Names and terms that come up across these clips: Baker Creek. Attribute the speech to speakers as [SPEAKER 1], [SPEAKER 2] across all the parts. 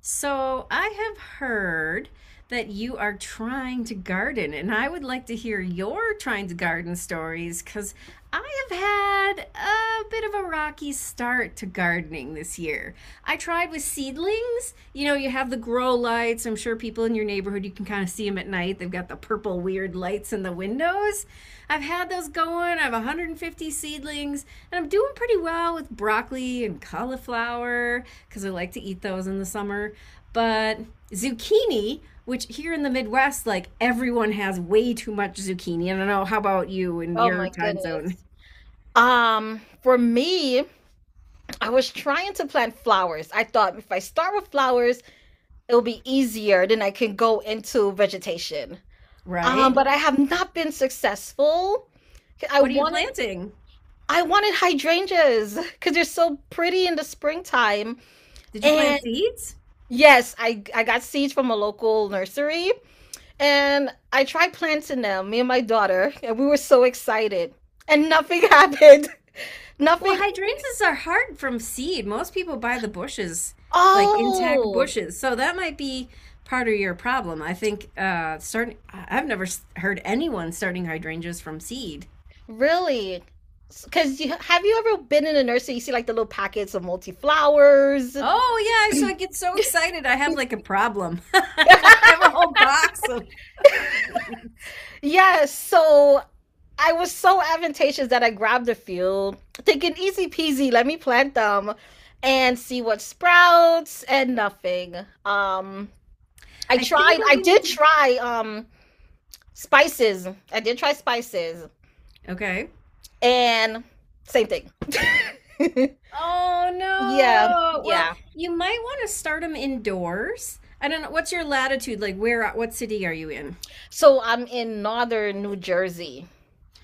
[SPEAKER 1] So I have heard that you are trying to garden, and I would like to hear your trying to garden stories because I have had a bit of a rocky start to gardening this year. I tried with seedlings. You know, you have the grow lights. I'm sure people in your neighborhood, you can kind of see them at night. They've got the purple weird lights in the windows. I've had those going. I have 150 seedlings, and I'm doing pretty well with broccoli and cauliflower because I like to eat those in the summer. But zucchini, which here in the Midwest, like everyone has way too much zucchini. I don't know. How about you in
[SPEAKER 2] Oh
[SPEAKER 1] your
[SPEAKER 2] my
[SPEAKER 1] time zone?
[SPEAKER 2] goodness. For me, I was trying to plant flowers. I thought if I start with flowers, it'll be easier, then I can go into vegetation.
[SPEAKER 1] Right?
[SPEAKER 2] But I have not been successful. I
[SPEAKER 1] What are you
[SPEAKER 2] wanted
[SPEAKER 1] planting?
[SPEAKER 2] I wanted hydrangeas because they're so pretty in the springtime.
[SPEAKER 1] Did you
[SPEAKER 2] And
[SPEAKER 1] plant seeds?
[SPEAKER 2] yes, I got seeds from a local nursery and I tried planting them, me and my daughter, and we were so excited. And nothing happened.
[SPEAKER 1] Well,
[SPEAKER 2] Nothing.
[SPEAKER 1] hydrangeas are hard from seed. Most people buy the bushes, like intact
[SPEAKER 2] Oh,
[SPEAKER 1] bushes. So that might be part of your problem. I think starting I've never heard anyone starting hydrangeas from seed.
[SPEAKER 2] really? Because you have you ever been in a nursery? You see like the little packets of multi-flowers.
[SPEAKER 1] Oh, yeah, so I get so excited. I have like a problem. I have a whole box of seeds.
[SPEAKER 2] Yes, so I was so advantageous that I grabbed a few, thinking easy peasy, let me plant them and see what sprouts and nothing. Um,
[SPEAKER 1] I think what
[SPEAKER 2] I
[SPEAKER 1] you need
[SPEAKER 2] did
[SPEAKER 1] to.
[SPEAKER 2] try spices. I did try spices
[SPEAKER 1] Okay.
[SPEAKER 2] and same thing.
[SPEAKER 1] Oh
[SPEAKER 2] Yeah,
[SPEAKER 1] no. Well,
[SPEAKER 2] yeah.
[SPEAKER 1] you might want to start them indoors. I don't know. What's your latitude? Like where what city are you in?
[SPEAKER 2] So I'm in northern New Jersey.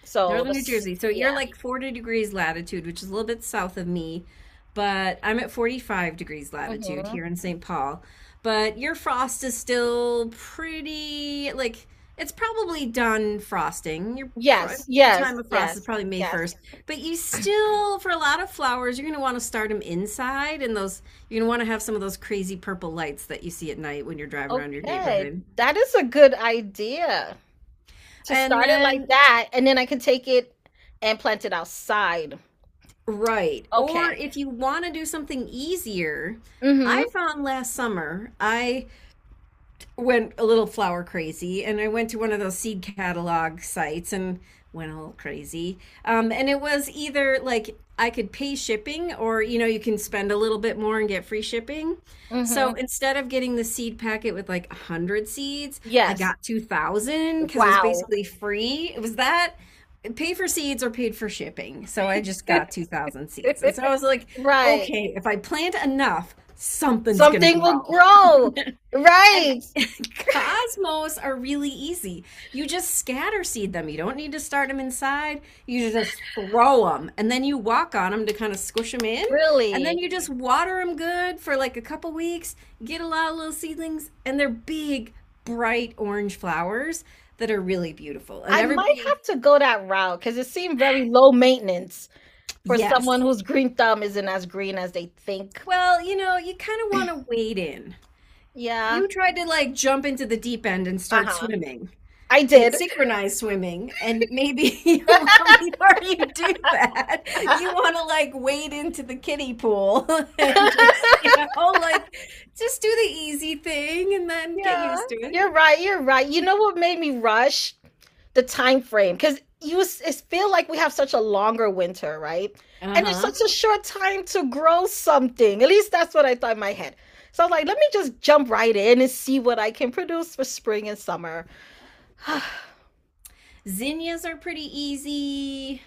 [SPEAKER 2] So
[SPEAKER 1] Northern New
[SPEAKER 2] that's
[SPEAKER 1] Jersey. So you're
[SPEAKER 2] yeah.
[SPEAKER 1] like 40 degrees latitude, which is a little bit south of me, but I'm at 45 degrees latitude
[SPEAKER 2] Hmm.
[SPEAKER 1] here in St. Paul. But your frost is still pretty, like, it's probably done frosting.
[SPEAKER 2] Yes,
[SPEAKER 1] Your time
[SPEAKER 2] yes,
[SPEAKER 1] of frost is
[SPEAKER 2] yes,
[SPEAKER 1] probably May
[SPEAKER 2] yes.
[SPEAKER 1] 1st, but you still, for a lot of flowers, you're going to want to start them inside, and those you're going to want to have some of those crazy purple lights that you see at night when you're driving around your
[SPEAKER 2] Okay.
[SPEAKER 1] neighborhood.
[SPEAKER 2] That is a good idea to
[SPEAKER 1] And
[SPEAKER 2] start it like
[SPEAKER 1] then
[SPEAKER 2] that, and then I can take it and plant it outside.
[SPEAKER 1] right. Or
[SPEAKER 2] Okay.
[SPEAKER 1] if you want to do something easier,
[SPEAKER 2] Mm-hmm.
[SPEAKER 1] I found last summer I went a little flower crazy and I went to one of those seed catalog sites and went a little crazy. And it was either like I could pay shipping or, you know, you can spend a little bit more and get free shipping. So
[SPEAKER 2] Mm-hmm.
[SPEAKER 1] instead of getting the seed packet with like 100 seeds, I
[SPEAKER 2] Yes.
[SPEAKER 1] got 2,000 because it was
[SPEAKER 2] Wow.
[SPEAKER 1] basically free. It was that pay for seeds or paid for shipping. So I just got 2,000 seeds. And so I was like,
[SPEAKER 2] Right.
[SPEAKER 1] okay, if I plant enough, something's going to
[SPEAKER 2] Something will
[SPEAKER 1] grow.
[SPEAKER 2] grow.
[SPEAKER 1] And
[SPEAKER 2] Right.
[SPEAKER 1] cosmos are really easy. You just scatter seed them. You don't need to start them inside. You just throw them and then you walk on them to kind of squish them in. And then
[SPEAKER 2] Really.
[SPEAKER 1] you just water them good for like a couple weeks, get a lot of little seedlings, and they're big, bright orange flowers that are really beautiful. And
[SPEAKER 2] I might
[SPEAKER 1] everybody,
[SPEAKER 2] have to go that route because it seemed very low maintenance for someone
[SPEAKER 1] yes.
[SPEAKER 2] whose green thumb isn't as green as they think.
[SPEAKER 1] Well, you know, you kind of want to wade in.
[SPEAKER 2] Yeah.
[SPEAKER 1] You tried to like jump into the deep end and start
[SPEAKER 2] Uh-huh.
[SPEAKER 1] swimming.
[SPEAKER 2] I
[SPEAKER 1] It's
[SPEAKER 2] did.
[SPEAKER 1] synchronized swimming, and maybe you want, before you do that, you want to like wade into the kiddie pool and just, you know, like just do the easy thing and then get
[SPEAKER 2] Yeah,
[SPEAKER 1] used to it.
[SPEAKER 2] you're right. You're right. You know what made me rush? The time frame, because it's feel like we have such a longer winter, right? And it's
[SPEAKER 1] Uh-huh.
[SPEAKER 2] such a short time to grow something. At least that's what I thought in my head. So I was like, let me just jump right in and see what I can produce for spring and summer.
[SPEAKER 1] Zinnias are pretty easy.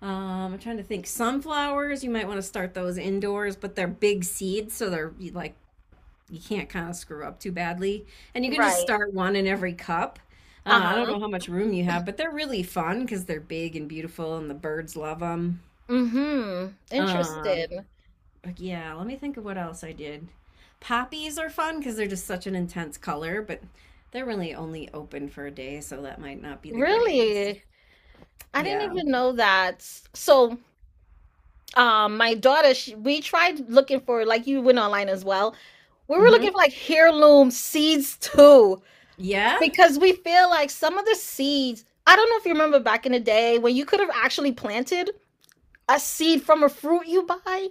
[SPEAKER 1] I'm trying to think. Sunflowers, you might want to start those indoors, but they're big seeds, so they're like you can't kind of screw up too badly. And you can just
[SPEAKER 2] Right.
[SPEAKER 1] start one in every cup. I don't
[SPEAKER 2] Uh-huh.
[SPEAKER 1] know how much room you have, but they're really fun because they're big and beautiful, and the birds love them.
[SPEAKER 2] Mm-hmm.
[SPEAKER 1] Um,
[SPEAKER 2] Interesting.
[SPEAKER 1] but yeah, let me think of what else I did. Poppies are fun because they're just such an intense color, but they're really only open for a day, so that might not be the greatest.
[SPEAKER 2] Really? I didn't
[SPEAKER 1] Yeah.
[SPEAKER 2] even know that. So my daughter she, we tried looking for like you went online as well, we were looking
[SPEAKER 1] Mm-hmm.
[SPEAKER 2] for like heirloom seeds too,
[SPEAKER 1] Yeah.
[SPEAKER 2] because we feel like some of the seeds, I don't know if you remember back in the day when you could have actually planted a seed from a fruit you buy.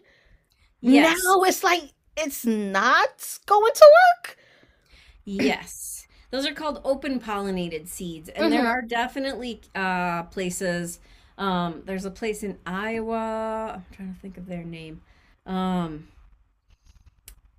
[SPEAKER 2] Now
[SPEAKER 1] Yes.
[SPEAKER 2] it's like it's not going to work.
[SPEAKER 1] Yes. Those are called open pollinated seeds. And there
[SPEAKER 2] Hmm.
[SPEAKER 1] are definitely places. There's a place in Iowa. I'm trying to think of their name. Um,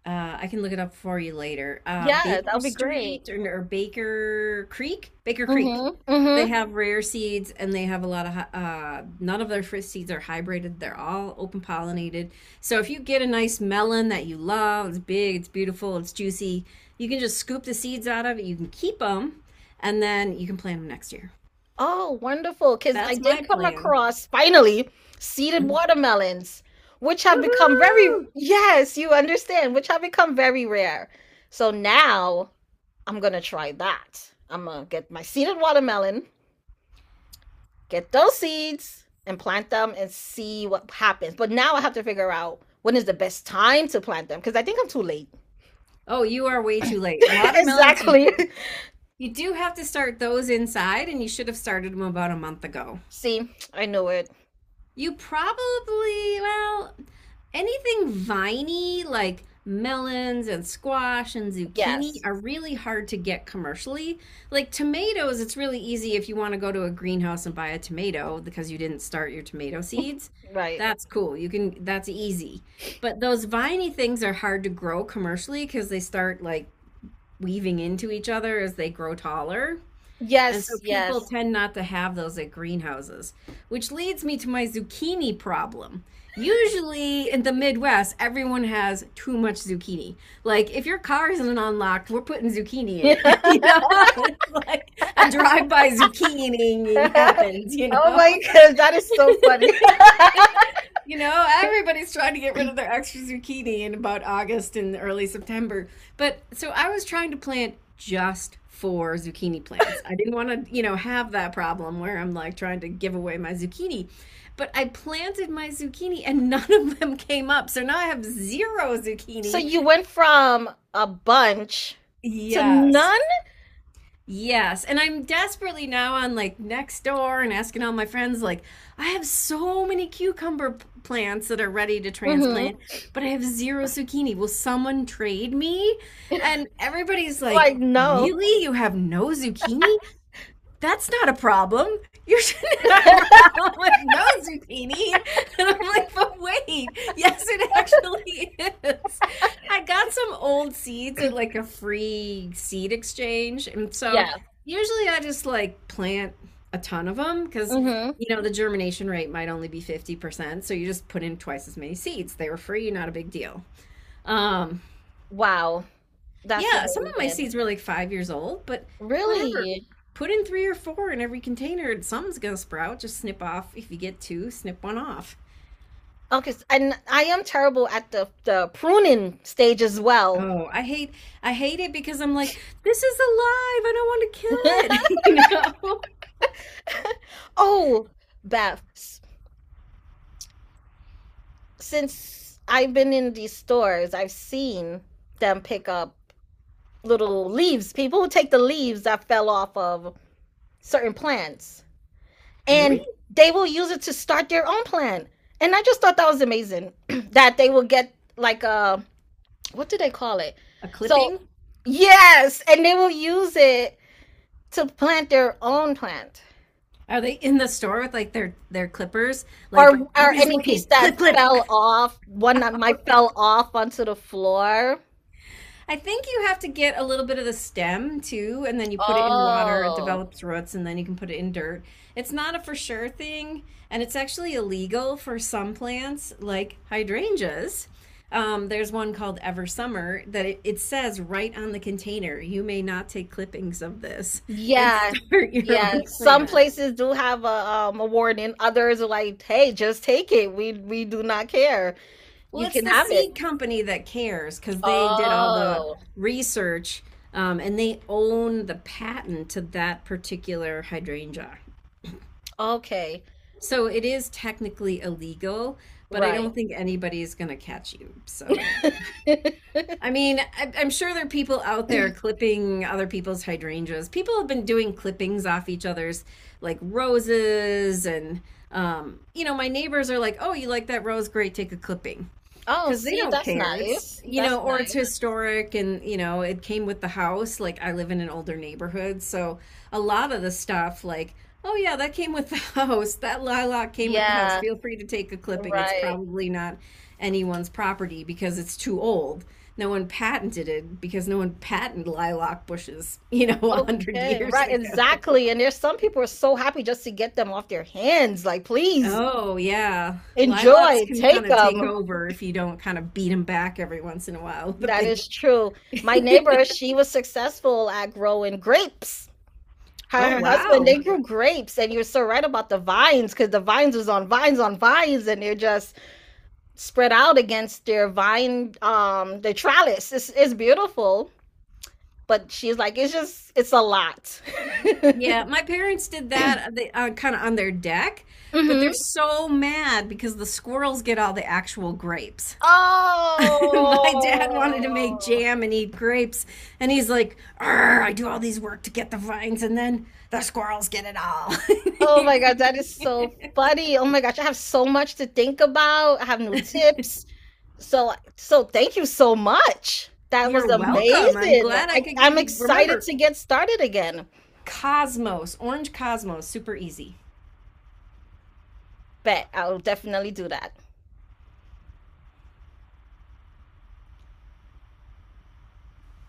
[SPEAKER 1] I can look it up for you later.
[SPEAKER 2] Yeah, that
[SPEAKER 1] Baker
[SPEAKER 2] would be great.
[SPEAKER 1] Street or Baker Creek? Baker Creek.
[SPEAKER 2] Hmm,
[SPEAKER 1] They
[SPEAKER 2] hmm.
[SPEAKER 1] have rare seeds and they have a lot of, none of their fruit seeds are hybrided. They're all open pollinated. So if you get a nice melon that you love, it's big, it's beautiful, it's juicy, you can just scoop the seeds out of it. You can keep them and then you can plant them next year.
[SPEAKER 2] Oh, wonderful. Because I
[SPEAKER 1] That's my
[SPEAKER 2] did come
[SPEAKER 1] plan.
[SPEAKER 2] across finally seeded
[SPEAKER 1] Mhm.
[SPEAKER 2] watermelons, which have become
[SPEAKER 1] Woohoo!
[SPEAKER 2] very, yes, you understand, which have become very rare. So now I'm going to try that. I'm going to get my seeded watermelon, get those seeds, and plant them and see what happens. But now I have to figure out when is the best time to plant them because I think I'm too late.
[SPEAKER 1] Oh, you are way too late. Watermelons, you
[SPEAKER 2] Exactly.
[SPEAKER 1] You do have to start those inside, and you should have started them about a month ago.
[SPEAKER 2] See, I knew it.
[SPEAKER 1] You probably, well, anything viney like melons and squash and zucchini
[SPEAKER 2] Yes,
[SPEAKER 1] are really hard to get commercially. Like tomatoes, it's really easy if you want to go to a greenhouse and buy a tomato because you didn't start your tomato seeds.
[SPEAKER 2] right.
[SPEAKER 1] That's cool. You can, that's easy. But those viney things are hard to grow commercially because they start like weaving into each other as they grow taller. And so
[SPEAKER 2] Yes,
[SPEAKER 1] people
[SPEAKER 2] yes.
[SPEAKER 1] tend not to have those at greenhouses, which leads me to my zucchini problem. Usually in the Midwest, everyone has too much zucchini. Like if your car isn't unlocked, we're putting zucchini in it. You know, it's like a drive-by zucchiniing happens, you
[SPEAKER 2] Oh my
[SPEAKER 1] know.
[SPEAKER 2] gosh, that is so funny.
[SPEAKER 1] You know, everybody's trying to get rid of their extra zucchini in about August and early September. But so I was trying to plant just four zucchini plants. I didn't want to, you know, have that problem where I'm like trying to give away my zucchini. But I planted my zucchini and none of them came up. So now I have zero
[SPEAKER 2] So
[SPEAKER 1] zucchini.
[SPEAKER 2] you went from a bunch to
[SPEAKER 1] Yes.
[SPEAKER 2] none?
[SPEAKER 1] Yes, and I'm desperately now on like next door and asking all my friends like I have so many cucumber plants that are ready to
[SPEAKER 2] Hmm.
[SPEAKER 1] transplant, but I have zero zucchini. Will someone trade me? And everybody's like,
[SPEAKER 2] Like no.
[SPEAKER 1] "Really? You have no zucchini?" That's not a problem. You shouldn't have a problem with no zucchini. And I'm like, but wait, yes, it actually is. I got some old seeds at like a free seed exchange. And so
[SPEAKER 2] Yeah.
[SPEAKER 1] usually I just like plant a ton of them because,
[SPEAKER 2] Hmm.
[SPEAKER 1] you know, the germination rate might only be 50%. So you just put in twice as many seeds. They were free, not a big deal. Um,
[SPEAKER 2] Wow. That's
[SPEAKER 1] yeah, some of my
[SPEAKER 2] amazing.
[SPEAKER 1] seeds were like 5 years old, but whatever.
[SPEAKER 2] Really?
[SPEAKER 1] Put in three or four in every container and something's gonna sprout. Just snip off if you get two, snip one off.
[SPEAKER 2] Okay, and I am terrible at the pruning stage as well.
[SPEAKER 1] Oh, I hate it because I'm like, this is alive. I don't want to kill it. You know?
[SPEAKER 2] Oh, Beth, since I've been in these stores, I've seen them pick up little leaves, people who take the leaves that fell off of certain plants,
[SPEAKER 1] Really?
[SPEAKER 2] and they will use it to start their own plan. And I just thought that was amazing that they will get like what do they call it?
[SPEAKER 1] A
[SPEAKER 2] So
[SPEAKER 1] clipping?
[SPEAKER 2] yes, and they will use it to plant their own plant.
[SPEAKER 1] Are they in the store with like their clippers? Like
[SPEAKER 2] Or
[SPEAKER 1] nobody's
[SPEAKER 2] any piece
[SPEAKER 1] looking.
[SPEAKER 2] that
[SPEAKER 1] Clip clip.
[SPEAKER 2] fell off, one that might
[SPEAKER 1] Okay.
[SPEAKER 2] fell off onto the floor.
[SPEAKER 1] I think you have to get a little bit of the stem too, and then you put it in water, it
[SPEAKER 2] Oh.
[SPEAKER 1] develops roots, and then you can put it in dirt. It's not a for sure thing, and it's actually illegal for some plants like hydrangeas. There's one called Ever Summer that it says right on the container, you may not take clippings of this and
[SPEAKER 2] Yeah.
[SPEAKER 1] start your
[SPEAKER 2] Yeah.
[SPEAKER 1] own
[SPEAKER 2] Some
[SPEAKER 1] plant.
[SPEAKER 2] places do have a warning. Others are like, hey, just take it. We do not care.
[SPEAKER 1] Well,
[SPEAKER 2] You
[SPEAKER 1] it's
[SPEAKER 2] can
[SPEAKER 1] the
[SPEAKER 2] have it.
[SPEAKER 1] seed company that cares because they did all the
[SPEAKER 2] Oh,
[SPEAKER 1] research and they own the patent to that particular hydrangea.
[SPEAKER 2] okay.
[SPEAKER 1] So it is technically illegal, but I
[SPEAKER 2] Right.
[SPEAKER 1] don't think anybody's going to catch you. So, I mean, I'm sure there are people out there clipping other people's hydrangeas. People have been doing clippings off each other's, like roses. And, you know, my neighbors are like, oh, you like that rose? Great, take a clipping.
[SPEAKER 2] Oh,
[SPEAKER 1] Because they
[SPEAKER 2] see,
[SPEAKER 1] don't
[SPEAKER 2] that's
[SPEAKER 1] care. It's,
[SPEAKER 2] nice.
[SPEAKER 1] you
[SPEAKER 2] That's
[SPEAKER 1] know, or it's
[SPEAKER 2] nice.
[SPEAKER 1] historic, and you know, it came with the house. Like I live in an older neighborhood, so a lot of the stuff, like oh yeah, that came with the house. That lilac came with the house.
[SPEAKER 2] Yeah,
[SPEAKER 1] Feel free to take a clipping. It's
[SPEAKER 2] right.
[SPEAKER 1] probably not anyone's property because it's too old. No one patented it because no one patented lilac bushes, you know, a hundred
[SPEAKER 2] Okay,
[SPEAKER 1] years
[SPEAKER 2] right,
[SPEAKER 1] ago.
[SPEAKER 2] exactly. And there's some people are so happy just to get them off their hands. Like, please
[SPEAKER 1] Oh yeah, lilacs
[SPEAKER 2] enjoy,
[SPEAKER 1] can kind
[SPEAKER 2] take
[SPEAKER 1] of take
[SPEAKER 2] them.
[SPEAKER 1] over if you don't kind of beat them back every once in a while with a
[SPEAKER 2] That
[SPEAKER 1] big.
[SPEAKER 2] is true. My neighbor, she was successful at growing grapes. Her and
[SPEAKER 1] Oh,
[SPEAKER 2] her husband,
[SPEAKER 1] wow.
[SPEAKER 2] they grew grapes, and you're so right about the vines, because the vines was on vines, and they're just spread out against their vine their trellis, it's beautiful, but she's like it's just it's a lot.
[SPEAKER 1] Yeah, my parents did that they, kind of on their deck, but they're
[SPEAKER 2] Hmm.
[SPEAKER 1] so mad because the squirrels get all the actual grapes. My
[SPEAKER 2] Oh,
[SPEAKER 1] dad wanted to make jam and eat grapes, and he's like, "Arr, I do all these work to get the vines, and then the squirrels get it all.
[SPEAKER 2] oh my god, that is so funny. Oh my gosh, I have so much to think about. I have new tips, so so thank you so much. That was
[SPEAKER 1] You're welcome. I'm
[SPEAKER 2] amazing. I,
[SPEAKER 1] glad I could
[SPEAKER 2] I'm
[SPEAKER 1] give you.
[SPEAKER 2] excited to
[SPEAKER 1] Remember,
[SPEAKER 2] get started again.
[SPEAKER 1] Cosmos, orange Cosmos, super easy.
[SPEAKER 2] Bet I'll definitely do that.